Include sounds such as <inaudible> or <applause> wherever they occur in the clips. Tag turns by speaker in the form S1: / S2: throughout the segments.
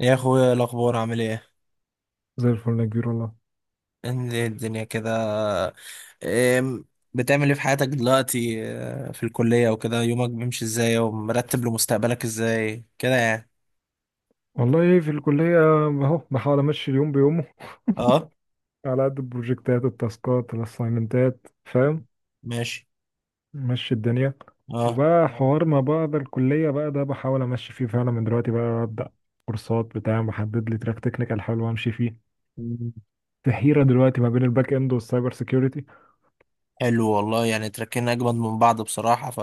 S1: يا اخويا الاخبار عامل ايه؟
S2: زي الفل يا كبير والله.
S1: انت إيه الدنيا كده؟ إيه؟ بتعمل ايه في حياتك دلوقتي في الكلية وكده؟ يومك بيمشي ازاي ومرتب لمستقبلك ازاي كده يعني؟
S2: والله ايه في الكلية اهو بحاول امشي اليوم بيومه
S1: اه.
S2: على قد البروجكتات التاسكات الاساينمنتات، فاهم؟
S1: ماشي.
S2: مشي الدنيا.
S1: اه.
S2: وبقى حوار ما بعد الكلية بقى ده بحاول امشي فيه فعلا من دلوقتي، بقى ابدا كورسات بتاع محدد لي تراك تكنيكال حلو امشي فيه.
S1: مم.
S2: في حيرة دلوقتي ما بين الباك اند والسايبر سيكيورتي.
S1: حلو والله، يعني تركينا اجمد من بعض بصراحة. ف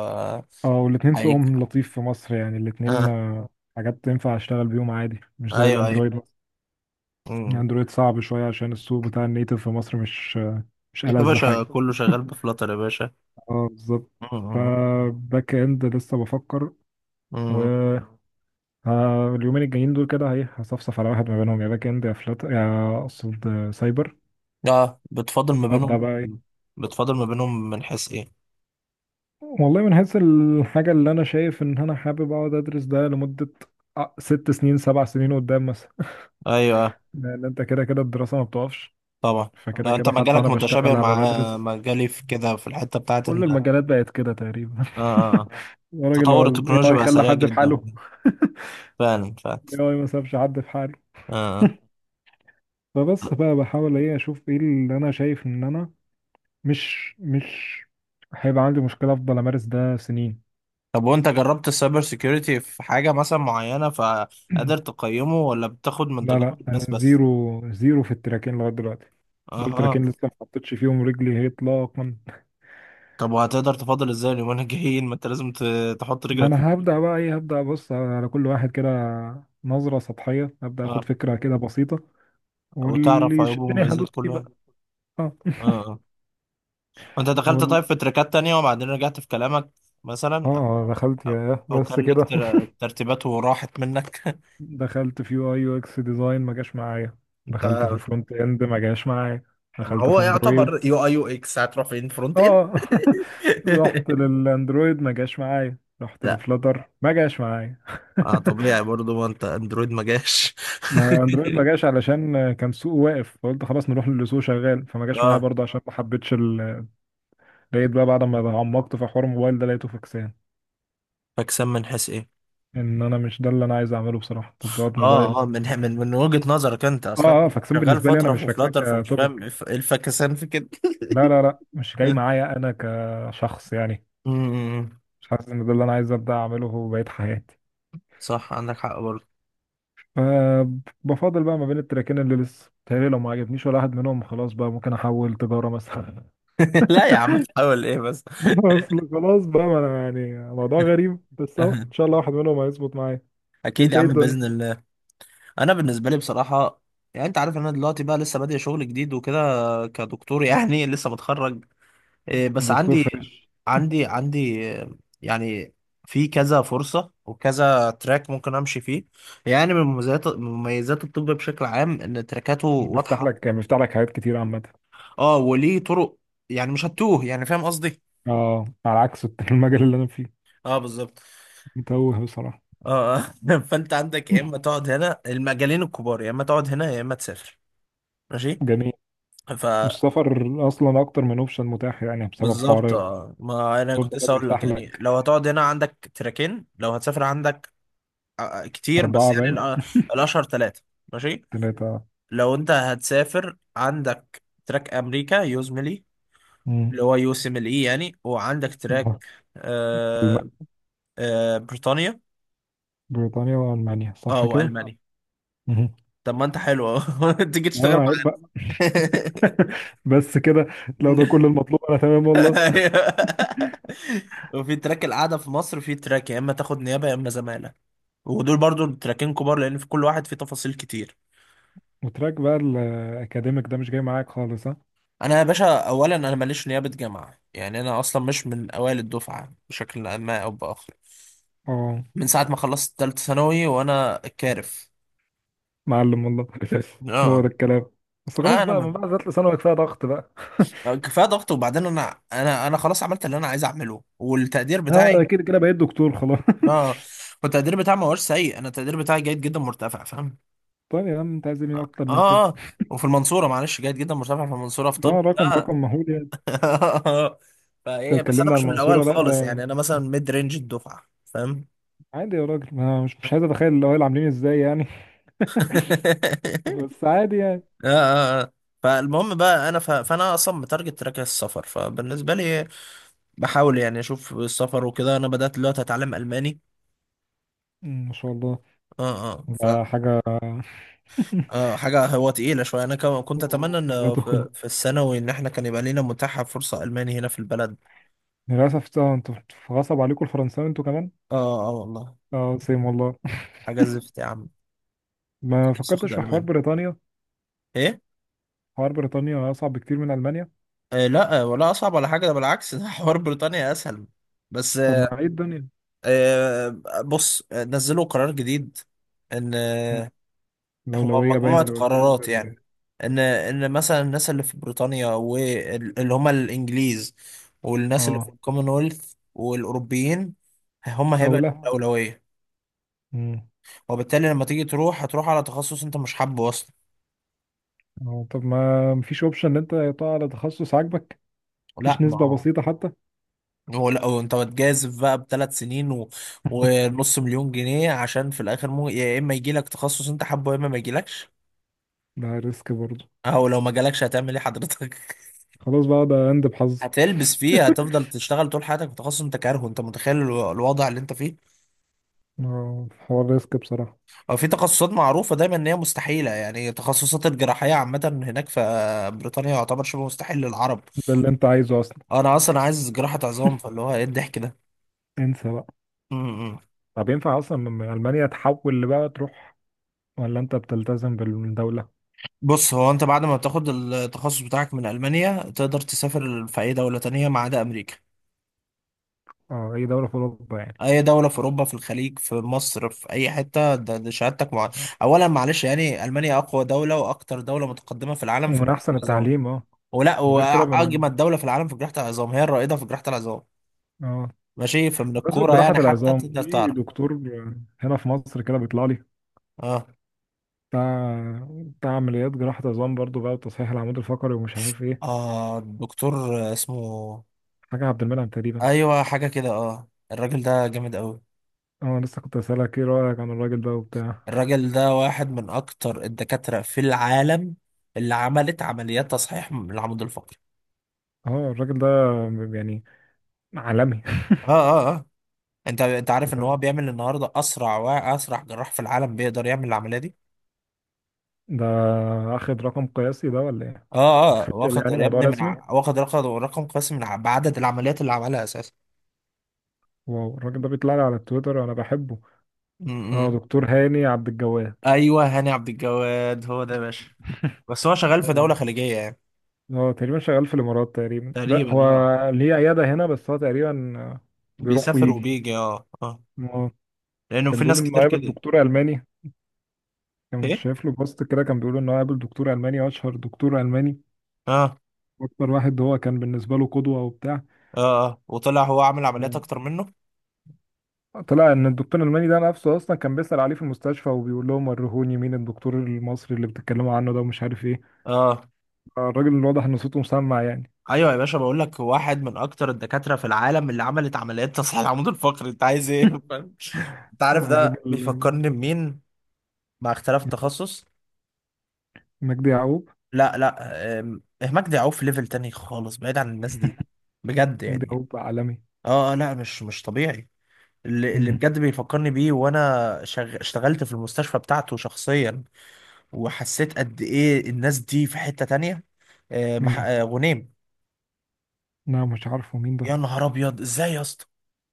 S2: اه، والاتنين سوقهم
S1: حقيقي.
S2: لطيف في مصر، يعني الاتنين
S1: اه.
S2: حاجات تنفع اشتغل بيهم عادي، مش زي
S1: ايوه.
S2: الاندرويد مثلا.
S1: مم.
S2: الاندرويد صعب شوية عشان السوق بتاع النيتف في مصر مش مش
S1: يا
S2: ألذ
S1: باشا
S2: حاجة.
S1: كله شغال بفلاتر يا باشا.
S2: اه بالظبط.
S1: مم.
S2: فباك اند لسه بفكر و
S1: مم.
S2: اليومين الجايين دول كده ايه، هصفصف على واحد ما بينهم، يا باك اند يا فلات، يا اقصد سايبر.
S1: اه، بتفاضل ما بينهم.
S2: ابدا بقى ايه.
S1: بتفاضل ما بينهم من حيث ايه؟
S2: والله من حيث الحاجه اللي انا شايف ان انا حابب اقعد ادرس ده لمده 6 سنين 7 سنين قدام مثلا.
S1: ايوه.
S2: <laughs> لان انت كده كده الدراسه ما بتقفش،
S1: طبعا.
S2: فكده
S1: انت
S2: كده حتى
S1: مجالك
S2: وانا
S1: متشابه
S2: بشتغل هبقى
S1: مع
S2: بدرس.
S1: مجالي في كده، في الحته بتاعت
S2: كل
S1: ان
S2: المجالات بقت كده تقريبا.
S1: آه، آه.
S2: <laughs> يا راجل هو
S1: تطور
S2: الاي
S1: التكنولوجيا
S2: اي
S1: بقى
S2: خلى
S1: سريع
S2: حد في
S1: جدا.
S2: حاله؟ <laughs>
S1: فعلا.
S2: الاي اي ما سابش حد في حاله.
S1: آه. آه.
S2: فبس بقى بحاول ايه اشوف ايه اللي انا شايف ان انا مش هيبقى عندي مشكلة افضل امارس ده سنين.
S1: طب وانت جربت السايبر سيكيورتي في حاجه مثلا معينه فقادر
S2: <clears throat>
S1: تقيمه، ولا بتاخد من
S2: لا
S1: تجارب
S2: لا انا
S1: الناس بس؟
S2: زيرو زيرو في التراكين لغاية دلوقتي. دول
S1: اها.
S2: تراكين لسه ما حطيتش فيهم رجلي هي اطلاقا.
S1: طب وهتقدر تفاضل ازاي اليومين الجايين ما انت لازم تحط
S2: ما
S1: رجلك
S2: انا
S1: فيه؟
S2: هبدأ بقى ايه، هبدأ ابص على كل واحد كده نظرة سطحية، هبدأ اخد
S1: اه.
S2: فكرة كده بسيطة، واللي
S1: وتعرف عيوبه
S2: يشدني هدوس
S1: ومميزات
S2: فيه
S1: كل واحد.
S2: بقى. اه.
S1: اه.
S2: <laughs>
S1: آه. وانت دخلت
S2: وال...
S1: طيب في تريكات تانية وبعدين رجعت في كلامك مثلا؟
S2: اه دخلت
S1: او
S2: يا
S1: أو
S2: بس
S1: كان
S2: كده.
S1: ليك ترتيبات وراحت منك؟
S2: دخلت في يو اي يو اكس ديزاين، ما جاش معايا.
S1: <laughs> انت!
S2: دخلت في فرونت اند، ما جاش معايا.
S1: ما
S2: دخلت
S1: هو
S2: في
S1: يعتبر
S2: اندرويد.
S1: يو اي يو اكس هتروح فين؟ فرونت اند.
S2: اه. <laughs> رحت
S1: <laughs>
S2: للاندرويد ما جاش معايا، رحت
S1: لا.
S2: لفلاتر ما جاش معايا.
S1: آه طبيعي برضو، ما انت اندرويد ما جاش.
S2: <laughs> ما اندرويد ما جاش علشان كان سوق واقف، فقلت خلاص نروح للي سوق شغال، فما جاش معايا
S1: اه.
S2: برضه عشان ما حبيتش <laughs> لقيت بقى بعد ما عمقت في حوار الموبايل ده لقيته فاكسان.
S1: فاكسان من حيث ايه؟
S2: ان انا مش ده اللي انا عايز اعمله بصراحه، تطبيقات
S1: اه
S2: موبايل.
S1: اه، من وجهة نظرك انت اصلا؟
S2: اه فاكسان
S1: شغال
S2: بالنسبه لي انا،
S1: فترة
S2: مش
S1: في
S2: فاكسان
S1: فلاتر فمش فاهم ايه
S2: كتوبيك.
S1: إيه الفاكسان في كده.
S2: لا مش جاي
S1: <laughs>
S2: معايا انا كشخص يعني.
S1: امم.
S2: مش حاسس ان ده اللي انا عايز ابدا اعمله بقية حياتي.
S1: صح، عندك حق برضه.
S2: فبفضل بقى ما بين التراكين، اللي لسه تهيألي لو ما عجبنيش ولا واحد منهم خلاص بقى ممكن احول تجارة مثلا.
S1: <laughs> لا يا عم، تحاول ايه بس.
S2: <laughs> اصل خلاص بقى، ما انا يعني موضوع غريب، بس اهو ان
S1: <laughs>
S2: شاء الله واحد منهم هيظبط معايا.
S1: اكيد
S2: انت
S1: يا
S2: ايه
S1: عم
S2: الدنيا؟
S1: باذن الله. انا بالنسبه لي بصراحه، يعني انت عارف ان انا دلوقتي بقى لسه بادئ شغل جديد وكده، كدكتور يعني، <laughs> لسه متخرج. إيه، بس
S2: دكتور
S1: عندي
S2: فريش.
S1: عندي يعني في كذا فرصه وكذا تراك ممكن امشي فيه. يعني من مميزات الطب بشكل عام ان تراكاته
S2: بيفتح
S1: واضحه.
S2: لك بيفتح لك حاجات كتير عامة.
S1: اه، وليه طرق، يعني مش هتوه، يعني فاهم قصدي.
S2: اه، على عكس المجال اللي انا فيه.
S1: اه بالظبط.
S2: متوه بصراحة.
S1: اه. <laughs> فانت عندك يا اما
S2: <laughs>
S1: تقعد هنا، المجالين الكبار، يا اما تقعد هنا يا اما تسافر.
S2: جميل.
S1: ماشي.
S2: والسفر اصلا اكتر من اوبشن متاح، يعني بسبب
S1: بالظبط،
S2: حوار
S1: اه، ما انا كنت
S2: اوروبا ده
S1: لسه اقول لك،
S2: بيفتح
S1: يعني
S2: لك.
S1: لو هتقعد هنا عندك تراكين، لو هتسافر عندك كتير. بس
S2: 4
S1: يعني
S2: باين.
S1: الاشهر ثلاثه. ماشي.
S2: 3.
S1: لو انت هتسافر عندك تراك امريكا، يوزملي،
S2: مم.
S1: اللي هو يو سي مل اي يعني، وعندك تراك آه
S2: ألمانيا.
S1: آه بريطانيا.
S2: بريطانيا وألمانيا
S1: اه
S2: صح كده؟
S1: والمانيا.
S2: مهم.
S1: طب ما انت حلو اهو، <laughs> تيجي
S2: اه
S1: تشتغل
S2: عيب
S1: معايا.
S2: بقى. <laughs> بس كده؟ لو ده كل
S1: <laughs>
S2: المطلوب أنا تمام والله.
S1: أيوه. وفي تراك القعده في مصر، في تراك يا اما تاخد نيابه يا اما زماله. ودول برضو تراكين كبار، لان في كل واحد فيه تفاصيل كتير.
S2: وتراك بقى الأكاديميك ده مش جاي معاك خالص، ها؟
S1: انا يا باشا اولا انا ماليش نيابه جامعه، يعني انا اصلا مش من اوائل الدفعه بشكل ما او باخر.
S2: اه
S1: من ساعه ما خلصت ثالثه ثانوي وانا كارف.
S2: معلم والله. <laughs> هو
S1: اه.
S2: ده الكلام. بس خلاص
S1: آه، انا
S2: بقى، من
S1: ب...
S2: بعد ذات ثانوي كفايه ضغط بقى.
S1: كفايه ضغط، وبعدين انا خلاص عملت اللي انا عايز اعمله، والتقدير
S2: اه، أنا
S1: بتاعي.
S2: كده كده بقيت دكتور خلاص. <laughs>
S1: اه. والتقدير بتاعي ما هوش سيء، انا التقدير بتاعي جيد جدا مرتفع، فاهم؟
S2: طيب يا عم انت عايز ايه
S1: اه
S2: اكتر من كده؟
S1: اه. آه. وفي المنصوره، معلش، جيد جدا مرتفع في المنصوره في طب.
S2: اه، رقم رقم مهول يعني.
S1: <laughs>
S2: انت
S1: فايه، بس انا
S2: اتكلمنا على
S1: مش من الاوائل
S2: المنصوره، لا
S1: خالص،
S2: ده
S1: يعني انا مثلا ميد رينج الدفعه، فاهم؟
S2: عادي يا راجل. ما مش مش عايز اتخيل الاوائل عاملين ازاي يعني. <laughs>
S1: <laughs>
S2: بس عادي يعني.
S1: اه اه. آه. فالمهم بقى فانا اصلا متارجت تراك السفر، فبالنسبه لي بحاول يعني اشوف السفر وكده. انا بدات دلوقتي اتعلم الماني.
S2: مم، ما شاء الله.
S1: اه اه. ف
S2: ده حاجة. <laughs>
S1: اه، حاجه هو تقيله شويه. انا كنت اتمنى
S2: حاجة
S1: ان في,
S2: تخنق.
S1: في الثانوي ان احنا كان يبقى لينا متاحه فرصه الماني هنا في البلد.
S2: للأسف انتوا غصب عليكم الفرنساوي انتوا كمان.
S1: اه اه والله.
S2: اه سيم والله.
S1: حاجه زفت يا عم.
S2: ما
S1: نفسي
S2: فكرتش
S1: اخد
S2: في حوار
S1: الماني.
S2: بريطانيا؟
S1: ايه؟
S2: حوار بريطانيا أصعب بكتير من ألمانيا.
S1: لا ولا اصعب ولا حاجه، ده بالعكس، ده <laughs> حوار بريطانيا اسهل. بس
S2: طب ما ايه الدنيا؟
S1: بص نزلوا قرار جديد ان
S2: مم.
S1: هو
S2: الأولوية باين
S1: مجموعه
S2: اللي قلت لي
S1: قرارات يعني.
S2: ولا-؟
S1: ان مثلا الناس اللي في بريطانيا واللي هم الانجليز، والناس اللي في
S2: اه.
S1: الكومنولث والاوروبيين، هم
S2: أو
S1: هيبقى
S2: لا.
S1: الاولويه.
S2: مم.
S1: وبالتالي لما تيجي تروح هتروح على تخصص انت مش حابه اصلا.
S2: اه، طب ما مفيش اوبشن ان انت تقع على تخصص عاجبك؟
S1: لا،
S2: مفيش
S1: ما
S2: نسبة
S1: هو
S2: بسيطة حتى؟
S1: هو لا، هو انت بتجازف بقى بثلاث سنين
S2: <laughs>
S1: ونص مليون جنيه، عشان في الاخر يا اما يجي لك تخصص انت حابه، يا اما ما يجيلكش.
S2: ده ريسك برضه.
S1: او لو ما جالكش هتعمل ايه حضرتك؟
S2: خلاص بقى ده اند
S1: <laughs>
S2: بحظي.
S1: هتلبس فيه،
S2: <laughs>
S1: هتفضل تشتغل طول حياتك في تخصص انت كارهه. انت متخيل الوضع اللي انت فيه؟
S2: اه حوار ريسك بصراحة.
S1: او في تخصصات معروفه دايما ان هي مستحيله، يعني تخصصات الجراحيه عامه هناك في بريطانيا يعتبر شبه مستحيل للعرب.
S2: ده اللي انت عايزه أصلا.
S1: انا اصلا عايز جراحه عظام، فاللي هو ايه الضحك ده.
S2: انسى بقى.
S1: <laughs>
S2: طب ينفع اصلا من المانيا تحول بقى تروح، ولا انت بتلتزم بالدوله؟
S1: بص، هو انت بعد ما تاخد التخصص بتاعك من المانيا تقدر تسافر في اي دوله تانية ما عدا امريكا.
S2: اه اي دوله في اوروبا يعني.
S1: اي دوله في اوروبا، في الخليج، في مصر، في اي حته. ده شهادتك
S2: نعم.
S1: اولا معلش يعني، المانيا اقوى دوله واكتر دوله متقدمه في العالم في
S2: ومن
S1: جراحه
S2: احسن
S1: العظام،
S2: التعليم اه.
S1: ولا
S2: وغير كده من
S1: واجمد دوله في العالم في جراحه العظام، هي الرائده في جراحه العظام.
S2: اه.
S1: ماشي، فمن
S2: بمناسبة
S1: الكوره
S2: جراحة
S1: يعني حتى
S2: العظام،
S1: تقدر
S2: في
S1: تعرف.
S2: دكتور هنا في مصر كده بيطلع لي،
S1: اه
S2: بتاع بتاع عمليات جراحة عظام برضو بقى وتصحيح العمود الفقري ومش عارف ايه.
S1: اه. الدكتور اسمه
S2: حاجة عبد المنعم تقريبا.
S1: ايوه حاجه كده. اه، الراجل ده جامد قوي.
S2: اه لسه كنت اسألك ايه رأيك عن الراجل ده وبتاع.
S1: الراجل ده واحد من اكتر الدكاترة في العالم اللي عملت عمليات تصحيح من العمود الفقري.
S2: اه الراجل ده يعني عالمي.
S1: اه اه اه. انت انت عارف ان هو
S2: <laughs>
S1: بيعمل النهارده اسرع واسرع جراح في العالم بيقدر يعمل العملية دي.
S2: ده اخد رقم قياسي ده ولا ايه؟
S1: اه اه.
S2: اوفيشال
S1: واخد
S2: يعني،
S1: يا
S2: موضوع
S1: ابني
S2: رسمي.
S1: واخد رقم قياسي بعدد العمليات اللي عملها اساسا.
S2: واو الراجل ده بيطلع لي على التويتر، انا بحبه.
S1: م-
S2: اه
S1: م.
S2: دكتور هاني عبد الجواد.
S1: ايوه، هاني عبد الجواد، هو ده يا باشا.
S2: <laughs>
S1: بس هو شغال في
S2: اه.
S1: دولة خليجية يعني.
S2: هو تقريبا شغال في الامارات تقريبا، لا هو
S1: تقريبا اه.
S2: ليه عياده هنا بس هو تقريبا بيروح
S1: بيسافر
S2: ويجي.
S1: وبيجي. اه اه.
S2: اه،
S1: لانه
S2: كان
S1: في
S2: بيقول
S1: ناس
S2: انه
S1: كتير
S2: قابل
S1: كده.
S2: دكتور الماني. كنت
S1: ايه؟
S2: شايف له بوست كده، كان بيقول انه قابل دكتور الماني، اشهر دكتور الماني،
S1: اه
S2: اكتر واحد هو كان بالنسبه له قدوه وبتاع.
S1: اه اه. وطلع هو عامل عمليات اكتر منه.
S2: طلع ان الدكتور الالماني ده نفسه اصلا كان بيسال عليه في المستشفى، وبيقول لهم ورهوني مين الدكتور المصري اللي بتتكلموا عنه ده ومش عارف ايه.
S1: اه.
S2: الراجل واضح ان صوته مسمع يعني.
S1: ايوه يا باشا، بقول لك واحد من اكتر الدكاتره في العالم اللي عملت عمليات تصحيح العمود الفقري، انت عايز ايه؟ <laughs> فاهم؟ انت عارف
S2: هو
S1: ده
S2: الراجل
S1: بيفكرني بمين، مع اختلاف التخصص؟
S2: مجدي يعقوب.
S1: لا لا، مجدي يعقوب في ليفل تاني خالص، بعيد عن الناس دي بجد
S2: مجدي
S1: يعني.
S2: يعقوب عالمي.
S1: اه لا مش مش طبيعي. اللي
S2: مهم.
S1: بجد بيفكرني بيه وانا اشتغلت في المستشفى بتاعته شخصيا، وحسيت قد ايه الناس دي في حتة تانية.
S2: مين؟
S1: آه، غنيم.
S2: لا مش عارفه مين
S1: يا
S2: ده.
S1: نهار ابيض، ازاي يا اسطى!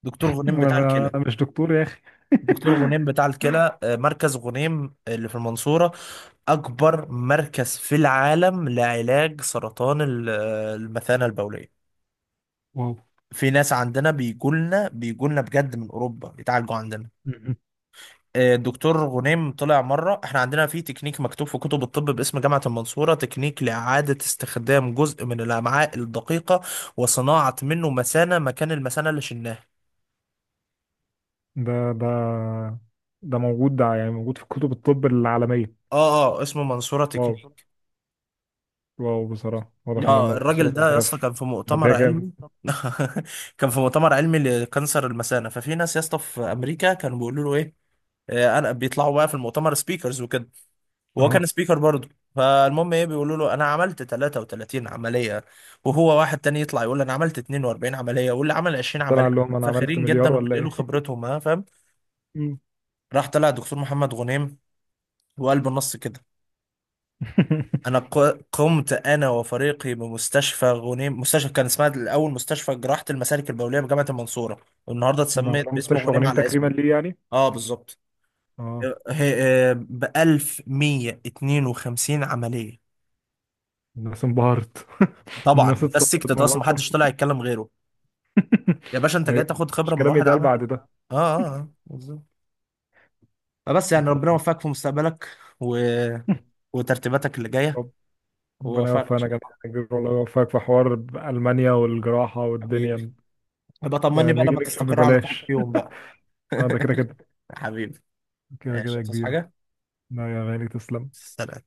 S1: دكتور غنيم
S2: انا
S1: بتاع الكلى.
S2: أنا مش دكتور يا اخي.
S1: دكتور
S2: <laughs>
S1: غنيم بتاع الكلى، مركز غنيم اللي في المنصورة، أكبر مركز في العالم لعلاج سرطان آه، المثانة البولية.
S2: واو.
S1: في ناس عندنا بيجولنا بجد من أوروبا يتعالجوا عندنا.
S2: مهم.
S1: الدكتور غنيم طلع مرة، احنا عندنا في تكنيك مكتوب في كتب الطب باسم جامعة المنصورة، تكنيك لإعادة استخدام جزء من الأمعاء الدقيقة وصناعة منه مثانة مكان المثانة اللي شلناها.
S2: ده ده ده موجود، ده يعني موجود في كتب الطب العالمية.
S1: اه اه، اسمه منصورة
S2: واو.
S1: تكنيك.
S2: واو بصراحة، واضح ان
S1: اه،
S2: المنصورة
S1: الراجل ده يا
S2: مودية
S1: اسطى
S2: في،
S1: كان في مؤتمر
S2: مودية جامد.
S1: علمي. <laughs> كان في مؤتمر علمي لكانسر المثانه، ففي ناس يا اسطى في امريكا كانوا بيقولوا له ايه، انا بيطلعوا بقى في المؤتمر سبيكرز وكده، وهو
S2: اهو
S1: كان سبيكر برضه. فالمهم ايه، بيقولوا له انا عملت 33 عمليه، وهو واحد تاني يطلع يقول انا عملت 42 عمليه، واللي عمل 20
S2: طلع
S1: عمليه.
S2: لهم انا عملت
S1: فاخرين
S2: مليار
S1: جدا
S2: ولا
S1: وبينقلوا
S2: ايه.
S1: خبرتهم، ها فاهم.
S2: مم.
S1: راح طلع دكتور محمد غنيم، وقال بالنص كده: انا
S2: <laughs>
S1: قمت انا وفريقي بمستشفى غنيم، مستشفى كان اسمها الاول مستشفى جراحه المسالك البوليه بجامعه المنصوره، والنهارده
S2: هم
S1: اتسمت
S2: عملوا
S1: باسم
S2: مستشفى
S1: غنيم
S2: غنيم
S1: على
S2: تكريما
S1: اسمي،
S2: ليه يعني؟
S1: اه بالظبط،
S2: اه
S1: ب 1152 عمليه.
S2: الناس انبهرت. <laughs>
S1: طبعا
S2: الناس
S1: ده
S2: اتصلت
S1: السكت
S2: من
S1: اصلا،
S2: الرقم.
S1: محدش طلع يتكلم غيره.
S2: <laughs>
S1: يا باشا انت جاي
S2: ايوه،
S1: تاخد خبره
S2: مش
S1: من
S2: كلام
S1: واحد
S2: يتقال
S1: عمل.
S2: بعد ده.
S1: اه اه بالظبط. فبس يعني ربنا يوفقك في مستقبلك و... وترتيباتك اللي جايه،
S2: طب ربنا
S1: ووفقنا ان
S2: يوفقنا
S1: شاء
S2: جميعا
S1: الله.
S2: يا كبير والله، يوفقك في حوار المانيا والجراحه
S1: حبيبي.
S2: والدنيا.
S1: يبقى طمني
S2: بقى
S1: بقى
S2: نيجي
S1: لما
S2: نكشف
S1: تستقر على ترك
S2: ببلاش.
S1: فيهم بقى.
S2: <laughs> اه ده كده كده،
S1: <laughs> حبيبي.
S2: كده كده
S1: ماشي،
S2: يا
S1: تصحى
S2: كبير.
S1: حاجة.
S2: لا يا غالي تسلم.
S1: سلام.